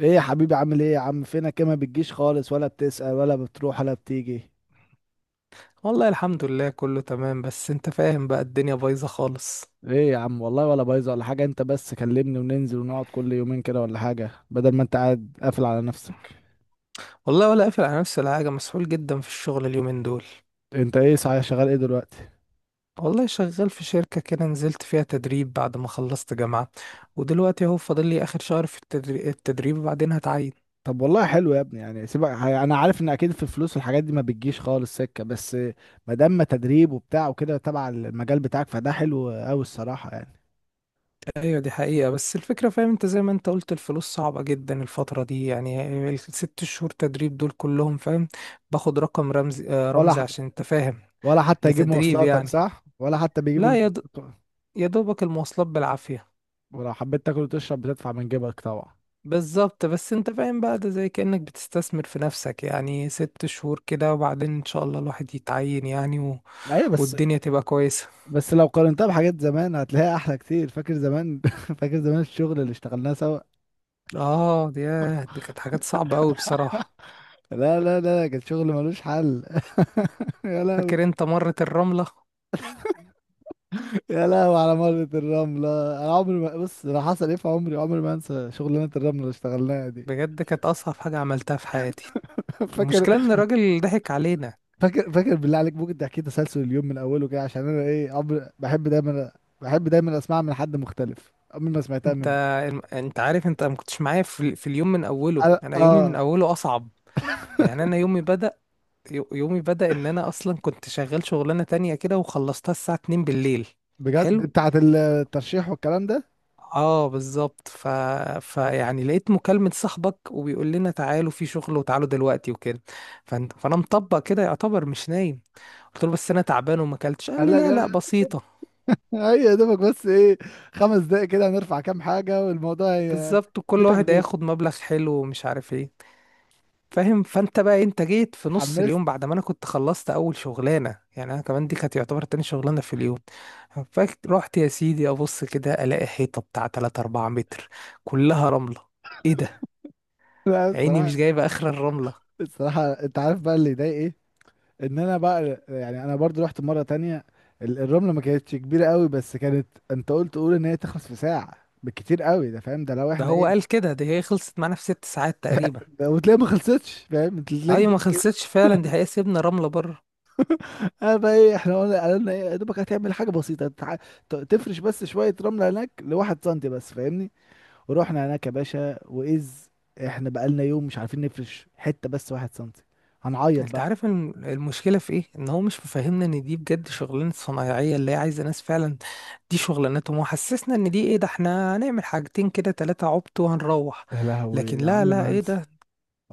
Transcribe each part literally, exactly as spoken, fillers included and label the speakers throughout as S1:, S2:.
S1: ايه يا حبيبي، عامل ايه يا عم؟ فينك إيه؟ ما بتجيش خالص ولا بتسأل ولا بتروح ولا بتيجي.
S2: والله الحمد لله كله تمام، بس انت فاهم بقى الدنيا بايظة خالص.
S1: ايه يا عم، والله ولا بايظه ولا حاجه. انت بس كلمني وننزل ونقعد كل يومين كده ولا حاجه، بدل ما انت قاعد قافل على نفسك.
S2: والله ولا قافل على نفسي ولا حاجة، مسحول جدا في الشغل اليومين دول.
S1: انت ايه صحيح، شغال ايه دلوقتي؟
S2: والله شغال في شركة كده، نزلت فيها تدريب بعد ما خلصت جامعة. ودلوقتي اهو فاضل لي اخر شهر في التدري- التدريب، وبعدين هتعين.
S1: طب والله حلو يا ابني. يعني سيبك ه- انا عارف ان اكيد في الفلوس والحاجات دي ما بتجيش خالص سكه، بس ما دام تدريب وبتاع وكده تبع المجال بتاعك فده حلو قوي الصراحه يعني.
S2: ايوه دي حقيقة، بس الفكرة فاهم انت زي ما انت قلت الفلوس صعبة جدا الفترة دي، يعني الست شهور تدريب دول كلهم فاهم. باخد رقم رمزي، آه،
S1: ولا
S2: رمزي،
S1: ح...
S2: عشان انت فاهم.
S1: ولا حتى
S2: ده
S1: يجيب
S2: تدريب
S1: مواصلاتك؟
S2: يعني.
S1: صح، ولا حتى بيجيب
S2: لا
S1: الم...
S2: يا د- يا دوبك المواصلات بالعافية.
S1: ولو حبيت تاكل وتشرب بتدفع من جيبك طبعا.
S2: بالظبط، بس انت فاهم بقى ده زي كأنك بتستثمر في نفسك، يعني ست شهور كده وبعدين ان شاء الله الواحد يتعين يعني و...
S1: ايوه، بس
S2: والدنيا تبقى كويسة.
S1: بس لو قارنتها بحاجات زمان هتلاقيها احلى كتير. فاكر زمان؟ فاكر زمان الشغل اللي اشتغلناه سوا؟
S2: اه دي دي كانت حاجات صعبة قوي بصراحة.
S1: لا لا لا كان شغل ملوش حل. يا لهوي.
S2: فاكر انت مرة الرملة.
S1: يا لهوي على مرة الرملة، انا عمري ما بص انا حصل ايه في عمري، عمري ما انسى شغلانة الرملة اللي اشتغلناها دي.
S2: بجد كانت اصعب حاجة عملتها في حياتي.
S1: فاكر؟
S2: المشكلة ان الراجل ضحك علينا.
S1: فاكر فاكر بالله عليك ممكن تحكي تسلسل اليوم من اوله كده، عشان انا ايه عمري بحب دايما، بحب دايما اسمعها من حد مختلف، عمري ما سمعتها
S2: انت
S1: منه.
S2: انت عارف انت ما كنتش معايا في... في اليوم من اوله،
S1: أنا-
S2: انا يومي من
S1: اه.
S2: اوله اصعب يعني. انا يومي بدأ، يو- يومي بدأ ان انا اصلا كنت شغال شغلانة تانية كده وخلصتها الساعة اتنين بالليل.
S1: بجد
S2: حلو.
S1: بتاعت الترشيح والكلام ده؟
S2: اه بالظبط، ف... فيعني لقيت مكالمة صاحبك وبيقول لنا تعالوا في شغل وتعالوا دلوقتي وكده. فن... فانا مطبق كده يعتبر مش نايم. قلت له بس انا تعبان وما اكلتش، قال
S1: قال
S2: لي لا لا
S1: لك
S2: بسيطة.
S1: هي، يا دوبك بس ايه، خمس دقايق كده هنرفع كام حاجة والموضوع هي.
S2: بالظبط، وكل
S1: بيتك
S2: واحد
S1: بيتي.
S2: هياخد مبلغ حلو ومش عارف ايه. فاهم، فانت بقى انت جيت في نص
S1: اتحمست.
S2: اليوم بعد ما انا كنت خلصت اول شغلانه، يعني انا كمان دي كانت يعتبر تاني شغلانه في اليوم. فرحت يا سيدي ابص كده الاقي حيطه بتاع ثلاثة اربعة متر كلها رمله. ايه ده.
S1: لا
S2: عيني
S1: الصراحة.
S2: مش جايبه اخر الرمله.
S1: الصراحة انت عارف بقى اللي يضايق ايه، ان انا بقى يعني انا برضو رحت مرة تانية. ال- الرملة ما كانتش كبيرة قوي، بس كانت انت قلت قول ان هي تخلص في ساعة بالكتير قوي، ده فاهم، ده لو
S2: ده
S1: احنا
S2: هو
S1: ايه.
S2: قال كده دي هي خلصت معانا في ست ساعات تقريبا.
S1: ده وتلاقي ما خلصتش فاهم انت، تلاقيك
S2: ايوه ما
S1: بس.
S2: خلصتش فعلا دي، هي سيبنا رمله بره.
S1: انا بقى ايه، احنا قلنا قالوا لنا ايه، يا دوبك هتعمل حاجة بسيطة، تع- ت- تفرش بس شوية رملة هناك لواحد سنتي بس فاهمني. ورحنا هناك يا باشا واذ احنا بقالنا يوم مش عارفين نفرش حته بس واحد سنتي. هنعيط
S2: انت
S1: بقى.
S2: عارف الم- المشكله في ايه؟ ان هو مش مفهمنا ان دي بجد شغلانه صنايعيه اللي هي عايزه ناس فعلا، دي شغلانتهم، وحسسنا ان دي ايه، ده احنا هنعمل حاجتين كده ثلاثه عبط وهنروح.
S1: يا لهوي
S2: لكن
S1: ده
S2: لا
S1: عمري
S2: لا
S1: ما
S2: ايه
S1: هنسى.
S2: ده.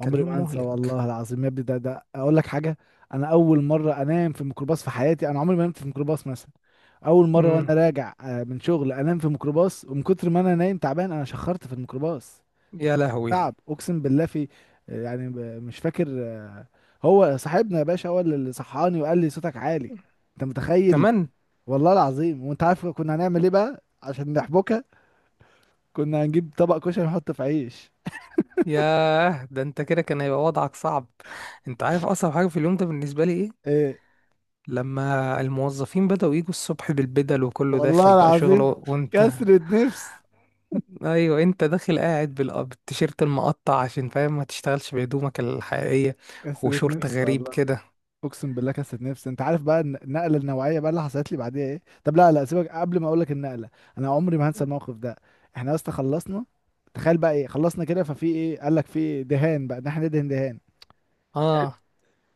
S2: كان يوم
S1: ما هنسى،
S2: مهلك.
S1: والله العظيم يا ابني، ده ده اقول لك حاجه. انا اول مره انام في ميكروباص في حياتي، انا عمري ما نمت في ميكروباص مثلا. اول مره وانا
S2: امم
S1: راجع آه، من شغل انام في ميكروباص، ومن كتر ما انا نايم تعبان انا شخرت في الميكروباص. من
S2: يا
S1: كتر
S2: لهوي.
S1: تعب اقسم بالله في، آه، يعني ب- مش فاكر. هو صاحبنا يا باشا هو اللي صحاني وقال لي صوتك عالي. انت متخيل؟
S2: كمان.
S1: والله العظيم. وانت عارف كنا هنعمل ايه بقى عشان نحبكها؟ كنا هنجيب طبق كشري نحط في عيش.
S2: ياه ده انت كده كان هيبقى وضعك صعب. انت عارف اصعب حاجه في اليوم ده بالنسبه لي ايه؟
S1: ايه.
S2: لما الموظفين بدأوا يجوا الصبح بالبدل وكله داخل
S1: والله
S2: بقى شغله،
S1: العظيم.
S2: وانت.
S1: كسرة نفس.
S2: ايوه انت داخل قاعد بال- آه، بالتيشيرت المقطع، عشان فاهم ما تشتغلش بهدومك الحقيقية،
S1: كسرة
S2: وشورت
S1: نفس
S2: غريب
S1: والله.
S2: كده.
S1: اقسم بالله كسرة نفس. انت عارف بقى الن- النقلة النوعية بقى اللي حصلت لي بعديها ايه؟ طب لا لا سيبك، قبل ما اقول لك النقلة، انا عمري ما هنسى الموقف ده. احنا يا اسطى خلصنا. تخيل بقى ايه، خلصنا كده ففي ايه، قال لك في دهان بقى، ان احنا ندهن دهان.
S2: اه.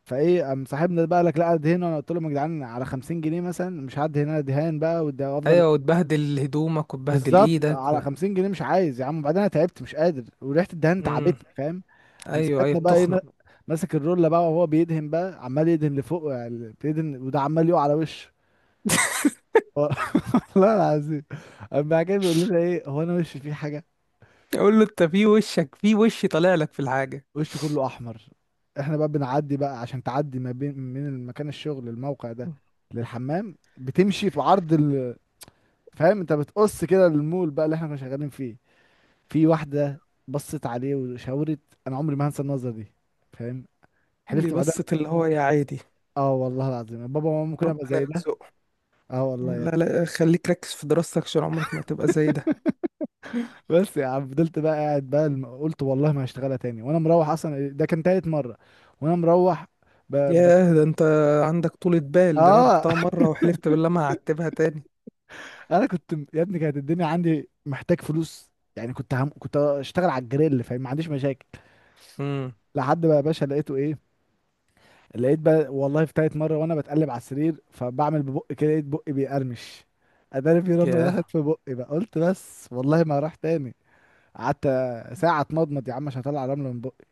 S1: فايه قام صاحبنا ده بقى قال لك لا دهن، وانا قلت لهم يا جدعان، على خمسين جنيه مثلا مش هعدي هنا دهان بقى وافضل.
S2: ايوه، وتبهدل هدومك وتبهدل
S1: بالظبط،
S2: ايدك
S1: على
S2: و...
S1: خمسين جنيه مش عايز يا عم، وبعدين انا تعبت مش قادر وريحه الدهان
S2: مم.
S1: تعبتني فاهم. قام
S2: ايوه ايوه
S1: صاحبنا بقى ايه، ما-
S2: بتخنق.
S1: ماسك الرولة بقى وهو بيدهن بقى، عمال يدهن لفوق يعني، بيدهن وده عمال يقع على وشه. والله العظيم. قام بعد كده بيقول لنا ايه، هو انا وشي فيه حاجه؟
S2: يقول له انت في وشك، في وش طالع لك في الحاجة.
S1: وشه كله احمر. احنا بقى بنعدي بقى عشان تعدي ما بين من المكان الشغل الموقع ده للحمام بتمشي في عرض ال... فاهم انت بتقص كده المول بقى اللي احنا كنا شغالين فيه. في واحدة بصت عليه وشاورت. أنا عمري ما هنسى النظرة دي فاهم.
S2: دي
S1: حلفت بعدها،
S2: بصة اللي هو يا عادي.
S1: اه والله العظيم، بابا وماما ممكن ابقى
S2: ربنا
S1: زي ده.
S2: يرزقه.
S1: اه والله يا
S2: لا
S1: ابني.
S2: لا خليك ركز في دراستك عشان عمرك ما تبقى زي ده.
S1: بس يا عم فضلت بقى قاعد بقى، الم- قلت والله ما هشتغلها تاني وانا مروح، اصلا ده كان تالت مرة. وانا مروح ب... ب...
S2: ياه ده انت عندك طولة بال، ده انا
S1: اه.
S2: رحتها مرة وحلفت بالله ما هعتبها تاني.
S1: انا كنت م- يا ابني كانت الدنيا عندي محتاج فلوس يعني، كنت هم... كنت اشتغل على الجريل فاهم، ما عنديش مشاكل.
S2: امم
S1: لحد بقى يا باشا لقيته ايه، لقيت بقى والله في تالت مرة وانا بتقلب على السرير، فبعمل ببقي كده لقيت بقي بيقرمش. اداني في رملة دخلت في بقي بقى، قلت بس والله ما راح تاني. قعدت ساعة اتمضمض يا عم عشان اطلع رملة من بقي.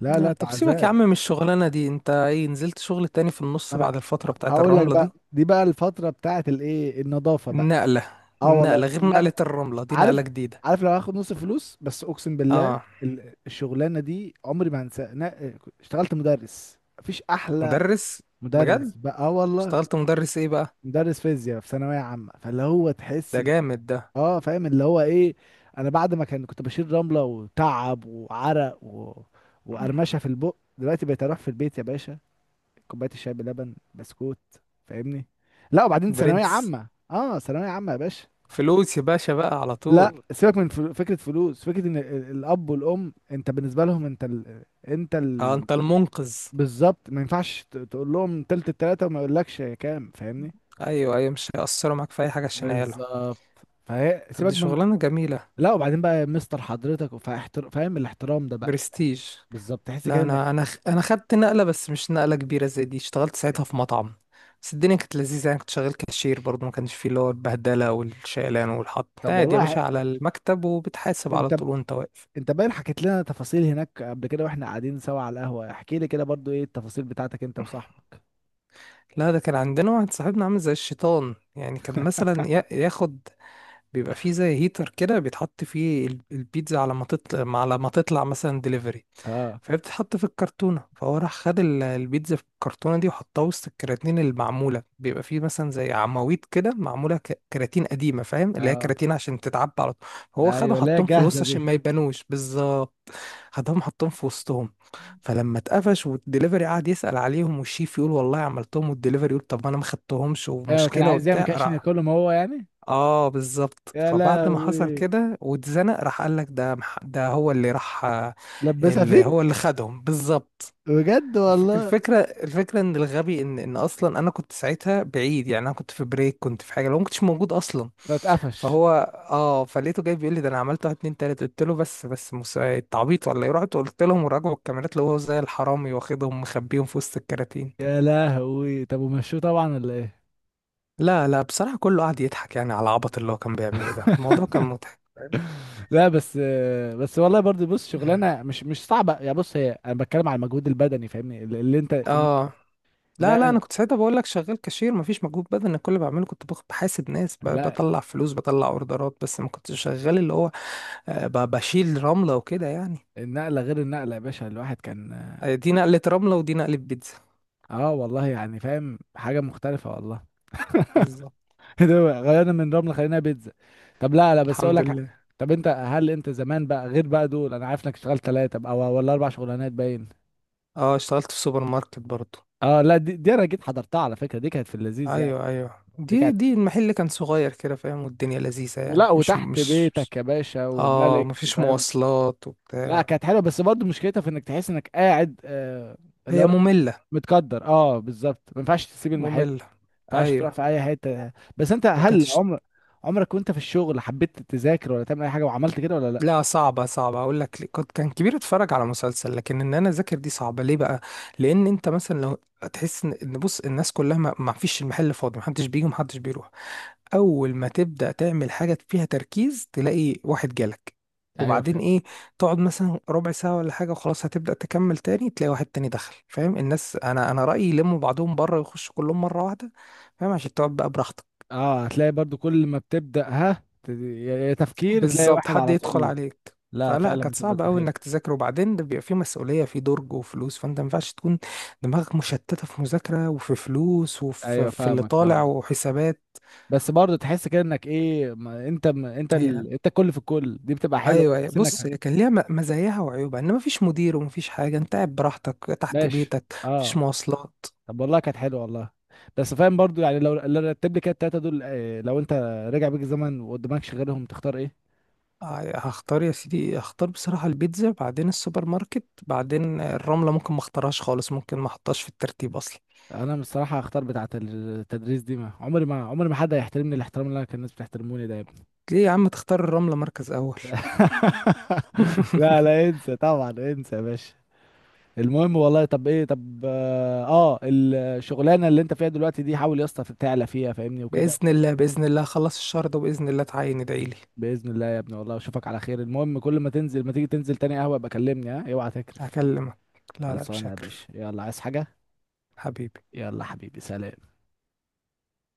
S1: لا لا
S2: لا
S1: ده
S2: طب سيبك يا
S1: عذاب.
S2: عم من الشغلانة دي، انت ايه نزلت شغل تاني في النص بعد
S1: انا
S2: الفترة بتاعت
S1: هقول لك
S2: الرملة
S1: بقى،
S2: دي؟
S1: دي بقى الفترة بتاعت الايه، النظافة بقى.
S2: النقلة.
S1: اه
S2: النقلة
S1: والله
S2: غير
S1: لا.
S2: نقلة الرملة دي،
S1: عارف،
S2: نقلة جديدة.
S1: عارف لو هاخد نص فلوس بس، اقسم بالله
S2: اه
S1: ال- الشغلانة دي عمري ما هنساها. أنا اشتغلت مدرس، مفيش احلى.
S2: مدرس. بجد.
S1: مدرس بقى اه والله.
S2: اشتغلت مدرس ايه بقى؟
S1: مدرس فيزياء في ثانويه عامه، فاللي هو تحس
S2: ده
S1: ان،
S2: جامد ده.
S1: اه فاهم اللي هو ايه. انا بعد ما كان كنت بشيل رمله وتعب وعرق و... وقرمشه في البق، دلوقتي بقيت اروح في البيت يا باشا، كوبايه الشاي بلبن بسكوت فاهمني. لا وبعدين ثانويه
S2: برنس.
S1: عامه، اه ثانويه عامه يا باشا.
S2: فلوس يا باشا بقى على
S1: لا
S2: طول.
S1: ايوه سيبك من فل- فكره فلوس، فكره ان ال- ال- الاب والام انت بالنسبه لهم، انت ال... انت
S2: اه
S1: ال...
S2: انت المنقذ.
S1: بالظبط. ما ينفعش ت- تقول لهم تلت التلاته وما يقولكش كام فاهمني.
S2: ايوه ايوه، مش هيأثروا معاك في اي حاجة عشان عياله.
S1: بالظبط. فهي
S2: طب
S1: سيبك
S2: دي
S1: من.
S2: شغلانة جميلة.
S1: لا وبعدين بقى مستر حضرتك، فاحتر... فاهم الاحترام ده بقى.
S2: برستيج.
S1: بالظبط تحس
S2: لا
S1: كده
S2: انا
S1: انك.
S2: انا خ- انا خدت نقله، بس مش نقله كبيره زي دي، اشتغلت ساعتها في مطعم. بس الدنيا كانت لذيذه يعني، كنت شغال كاشير برضه ما كانش فيه اللي هو البهدله والشيلان والحط،
S1: طب
S2: قاعد يا
S1: والله ح...
S2: باشا على المكتب وبتحاسب على
S1: انت،
S2: طول وانت واقف.
S1: انت باين حكيت لنا تفاصيل هناك قبل كده واحنا قاعدين سوا على القهوه. احكي لي كده برضو ايه التفاصيل بتاعتك انت وصاحبك.
S2: لا ده كان عندنا واحد صاحبنا عامل زي الشيطان، يعني كان مثلا يا- ياخد، بيبقى فيه زي هيتر كده بيتحط فيه ال- البيتزا على ما تطلع، على ما تطلع مثلا ديليفري،
S1: اه.
S2: فهي بتتحط في الكرتونة، فهو راح خد ال- البيتزا في الكرتونة دي وحطها وسط الكراتين المعمولة، بيبقى فيه مثلا زي عواميد كده معمولة ك- كراتين قديمة، فاهم اللي هي
S1: اه.
S2: كراتين عشان تتعبى على طول. هو خدهم
S1: ايوه. لا
S2: حطهم في
S1: جاهزه
S2: الوسط
S1: دي.
S2: عشان ما يبانوش بالظبط، خدهم حطهم في وسطهم. فلما اتقفش والدليفري قعد يسأل عليهم، والشيف يقول والله عملتهم، والدليفري يقول طب ما انا ما خدتهمش،
S1: ايوه كان
S2: ومشكلة
S1: عايز يعمل
S2: وبتاع،
S1: كده عشان
S2: راح.
S1: ياكلهم هو يعني.
S2: اه بالظبط.
S1: يا
S2: فبعد ما حصل
S1: لهوي.
S2: كده واتزنق راح قال لك ده مح- ده هو اللي راح،
S1: لبسها
S2: اللي هو اللي
S1: فيك.
S2: خدهم بالظبط.
S1: بجد
S2: الف-
S1: والله.
S2: الفكره الفكره ان الغبي ان ان اصلا انا كنت ساعتها بعيد يعني، انا كنت في بريك، كنت في حاجه، لو ما كنتش موجود اصلا.
S1: فاتقفش.
S2: فهو اه فلقيته جاي بيقول لي، ده انا عملت واحد اتنين تلاته. قلت له بس بس مس- انت عبيط ولا ايه؟ رحت قلت لهم، وراجعوا الكاميرات لقوه زي الحرامي واخدهم مخبيهم في وسط الكراتين.
S1: يا لهوي طب ومشوه طبعا ولا ايه؟
S2: لا لا بصراحه كله قعد يضحك يعني على العبط اللي هو كان بيعمله ده، الموضوع كان
S1: لا بس. بس والله برضه بص
S2: مضحك.
S1: شغلانه مش مش صعبه يعني، بص هي، انا بتكلم على المجهود البدني فاهمني، اللي انت.
S2: اه. لا لا انا
S1: النقله.
S2: كنت ساعتها بقول لك شغال كاشير، مفيش مجهود بدني. أنا كل اللي بعمله كنت باخد بحاسب ناس، ب-
S1: لا
S2: بطلع فلوس بطلع اوردرات، بس ما كنتش شغال اللي هو آه، ب- بشيل رملة وكده يعني.
S1: النقله غير النقله يا باشا، الواحد كان.
S2: آه، دي نقلة رملة ودي نقلة بيتزا.
S1: اه والله يعني فاهم حاجه مختلفه والله.
S2: بالظبط.
S1: ده بقى، غيرنا من رمل خلينا بيتزا. طب لا لا بس اقول
S2: الحمد
S1: لك ح-.
S2: لله.
S1: طب انت هل انت زمان بقى غير بقى دول، انا عارف انك اشتغلت ثلاثه او ولا اربع شغلانات باين.
S2: اه اشتغلت في سوبر ماركت برضو.
S1: اه. لا دي, دي انا جيت حضرتها على فكره، دي كانت في اللذيذ يعني.
S2: ايوه ايوه،
S1: دي
S2: دي
S1: كانت
S2: دي المحل كان صغير كده، فاهم، والدنيا لذيذة يعني
S1: ولا
S2: مش
S1: وتحت
S2: مش مش-
S1: بيتك يا باشا
S2: اه
S1: وملك
S2: مفيش
S1: فاهم.
S2: مواصلات
S1: لا
S2: وبتاع.
S1: كانت حلوه بس برضه مشكلتها في انك تحس انك قاعد آه.
S2: هي
S1: لو
S2: مملة.
S1: متقدر، اه بالظبط ما ينفعش تسيب المحل.
S2: مملة.
S1: ما ينفعش تروح
S2: ايوه،
S1: في اي حته. بس انت
S2: وكانت.
S1: هل عمر، عمرك وانت في الشغل حبيت تذاكر ولا تعمل اي حاجه وعملت كده ولا لا؟
S2: لا صعبة، صعبة، أقول لك ليه. كنت كان كبير أتفرج على مسلسل، لكن إن أنا أذاكر دي صعبة، ليه بقى؟ لأن أنت مثلا لو، هتحس إن إن بص الناس كلها ما ما فيش، المحل فاضي محدش بيجي ومحدش بيروح، أول ما تبدأ تعمل حاجة فيها تركيز تلاقي واحد جالك.
S1: ايوه
S2: وبعدين
S1: فاهم.
S2: إيه، تقعد مثلا ربع ساعة ولا حاجة وخلاص، هتبدأ تكمل تاني تلاقي واحد تاني دخل، فاهم الناس. أنا أنا رأيي يلموا بعضهم بره ويخشوا كلهم مرة واحدة، فاهم، عشان تقعد بقى براحتك.
S1: اه هتلاقي برضو كل ما بتبدا ها ت- يا يا تفكير تلاقي
S2: بالظبط،
S1: واحد
S2: حد
S1: على
S2: يدخل
S1: طول.
S2: عليك.
S1: لا
S2: فلا
S1: فعلا
S2: كانت
S1: بتبقى
S2: صعبة قوي
S1: سخيف.
S2: انك تذاكر، وبعدين ده بيبقى فيه مسؤولية في درج وفلوس، فانت ما ينفعش تكون دماغك مشتتة في مذاكرة وفي فلوس وفي
S1: ايوه
S2: في اللي
S1: فاهمك،
S2: طالع
S1: فاهم.
S2: وحسابات.
S1: بس برضه تحس كده انك ايه، ما انت، ما انت
S2: هي
S1: ال... انت الكل في الكل، دي بتبقى حلوه
S2: ايوه. أيوة.
S1: تحس انك.
S2: بص هي كان ليها م- مزاياها وعيوبها، ان مفيش مدير ومفيش حاجة، انت قاعد براحتك تحت
S1: ماشي.
S2: بيتك، مفيش
S1: اه.
S2: مواصلات.
S1: طب والله كانت حلوه والله. بس فاهم برضو يعني لو لو رتب لي كده التلاته دول، آه، لو انت رجع بيك الزمن وقدامكش غيرهم تختار ايه؟
S2: آه، هختار يا سيدي، هختار بصراحة البيتزا، بعدين السوبر ماركت، بعدين الرملة ممكن ما اختارهاش خالص، ممكن ما احطهاش في الترتيب اصلا.
S1: انا بصراحه هختار بتاعه التدريس دي، ما عمري، ما عمري ما حد هيحترمني الاحترام اللي انا كان الناس بتحترموني ده يا ابني.
S2: ليه يا عم تختار الرملة مركز اول؟
S1: لا لا انسى طبعا انسى يا باشا. المهم والله، طب ايه، طب اه، آه، الشغلانه اللي انت فيها دلوقتي دي حاول يا اسطى تعلى فيها فاهمني وكده.
S2: بإذن الله، بإذن الله أخلص الشهر ده وبإذن الله تعين، ادعيلي.
S1: باذن الله يا ابني، والله اشوفك على خير. المهم كل ما تنزل ما تيجي تنزل تاني قهوه ابقى كلمني، ها اوعى تكرف.
S2: هكلمك. لا لا مش
S1: خلصانة يا باشا،
S2: هكرف.
S1: يلا عايز حاجة؟
S2: حبيبي.
S1: يلا حبيبي سلام.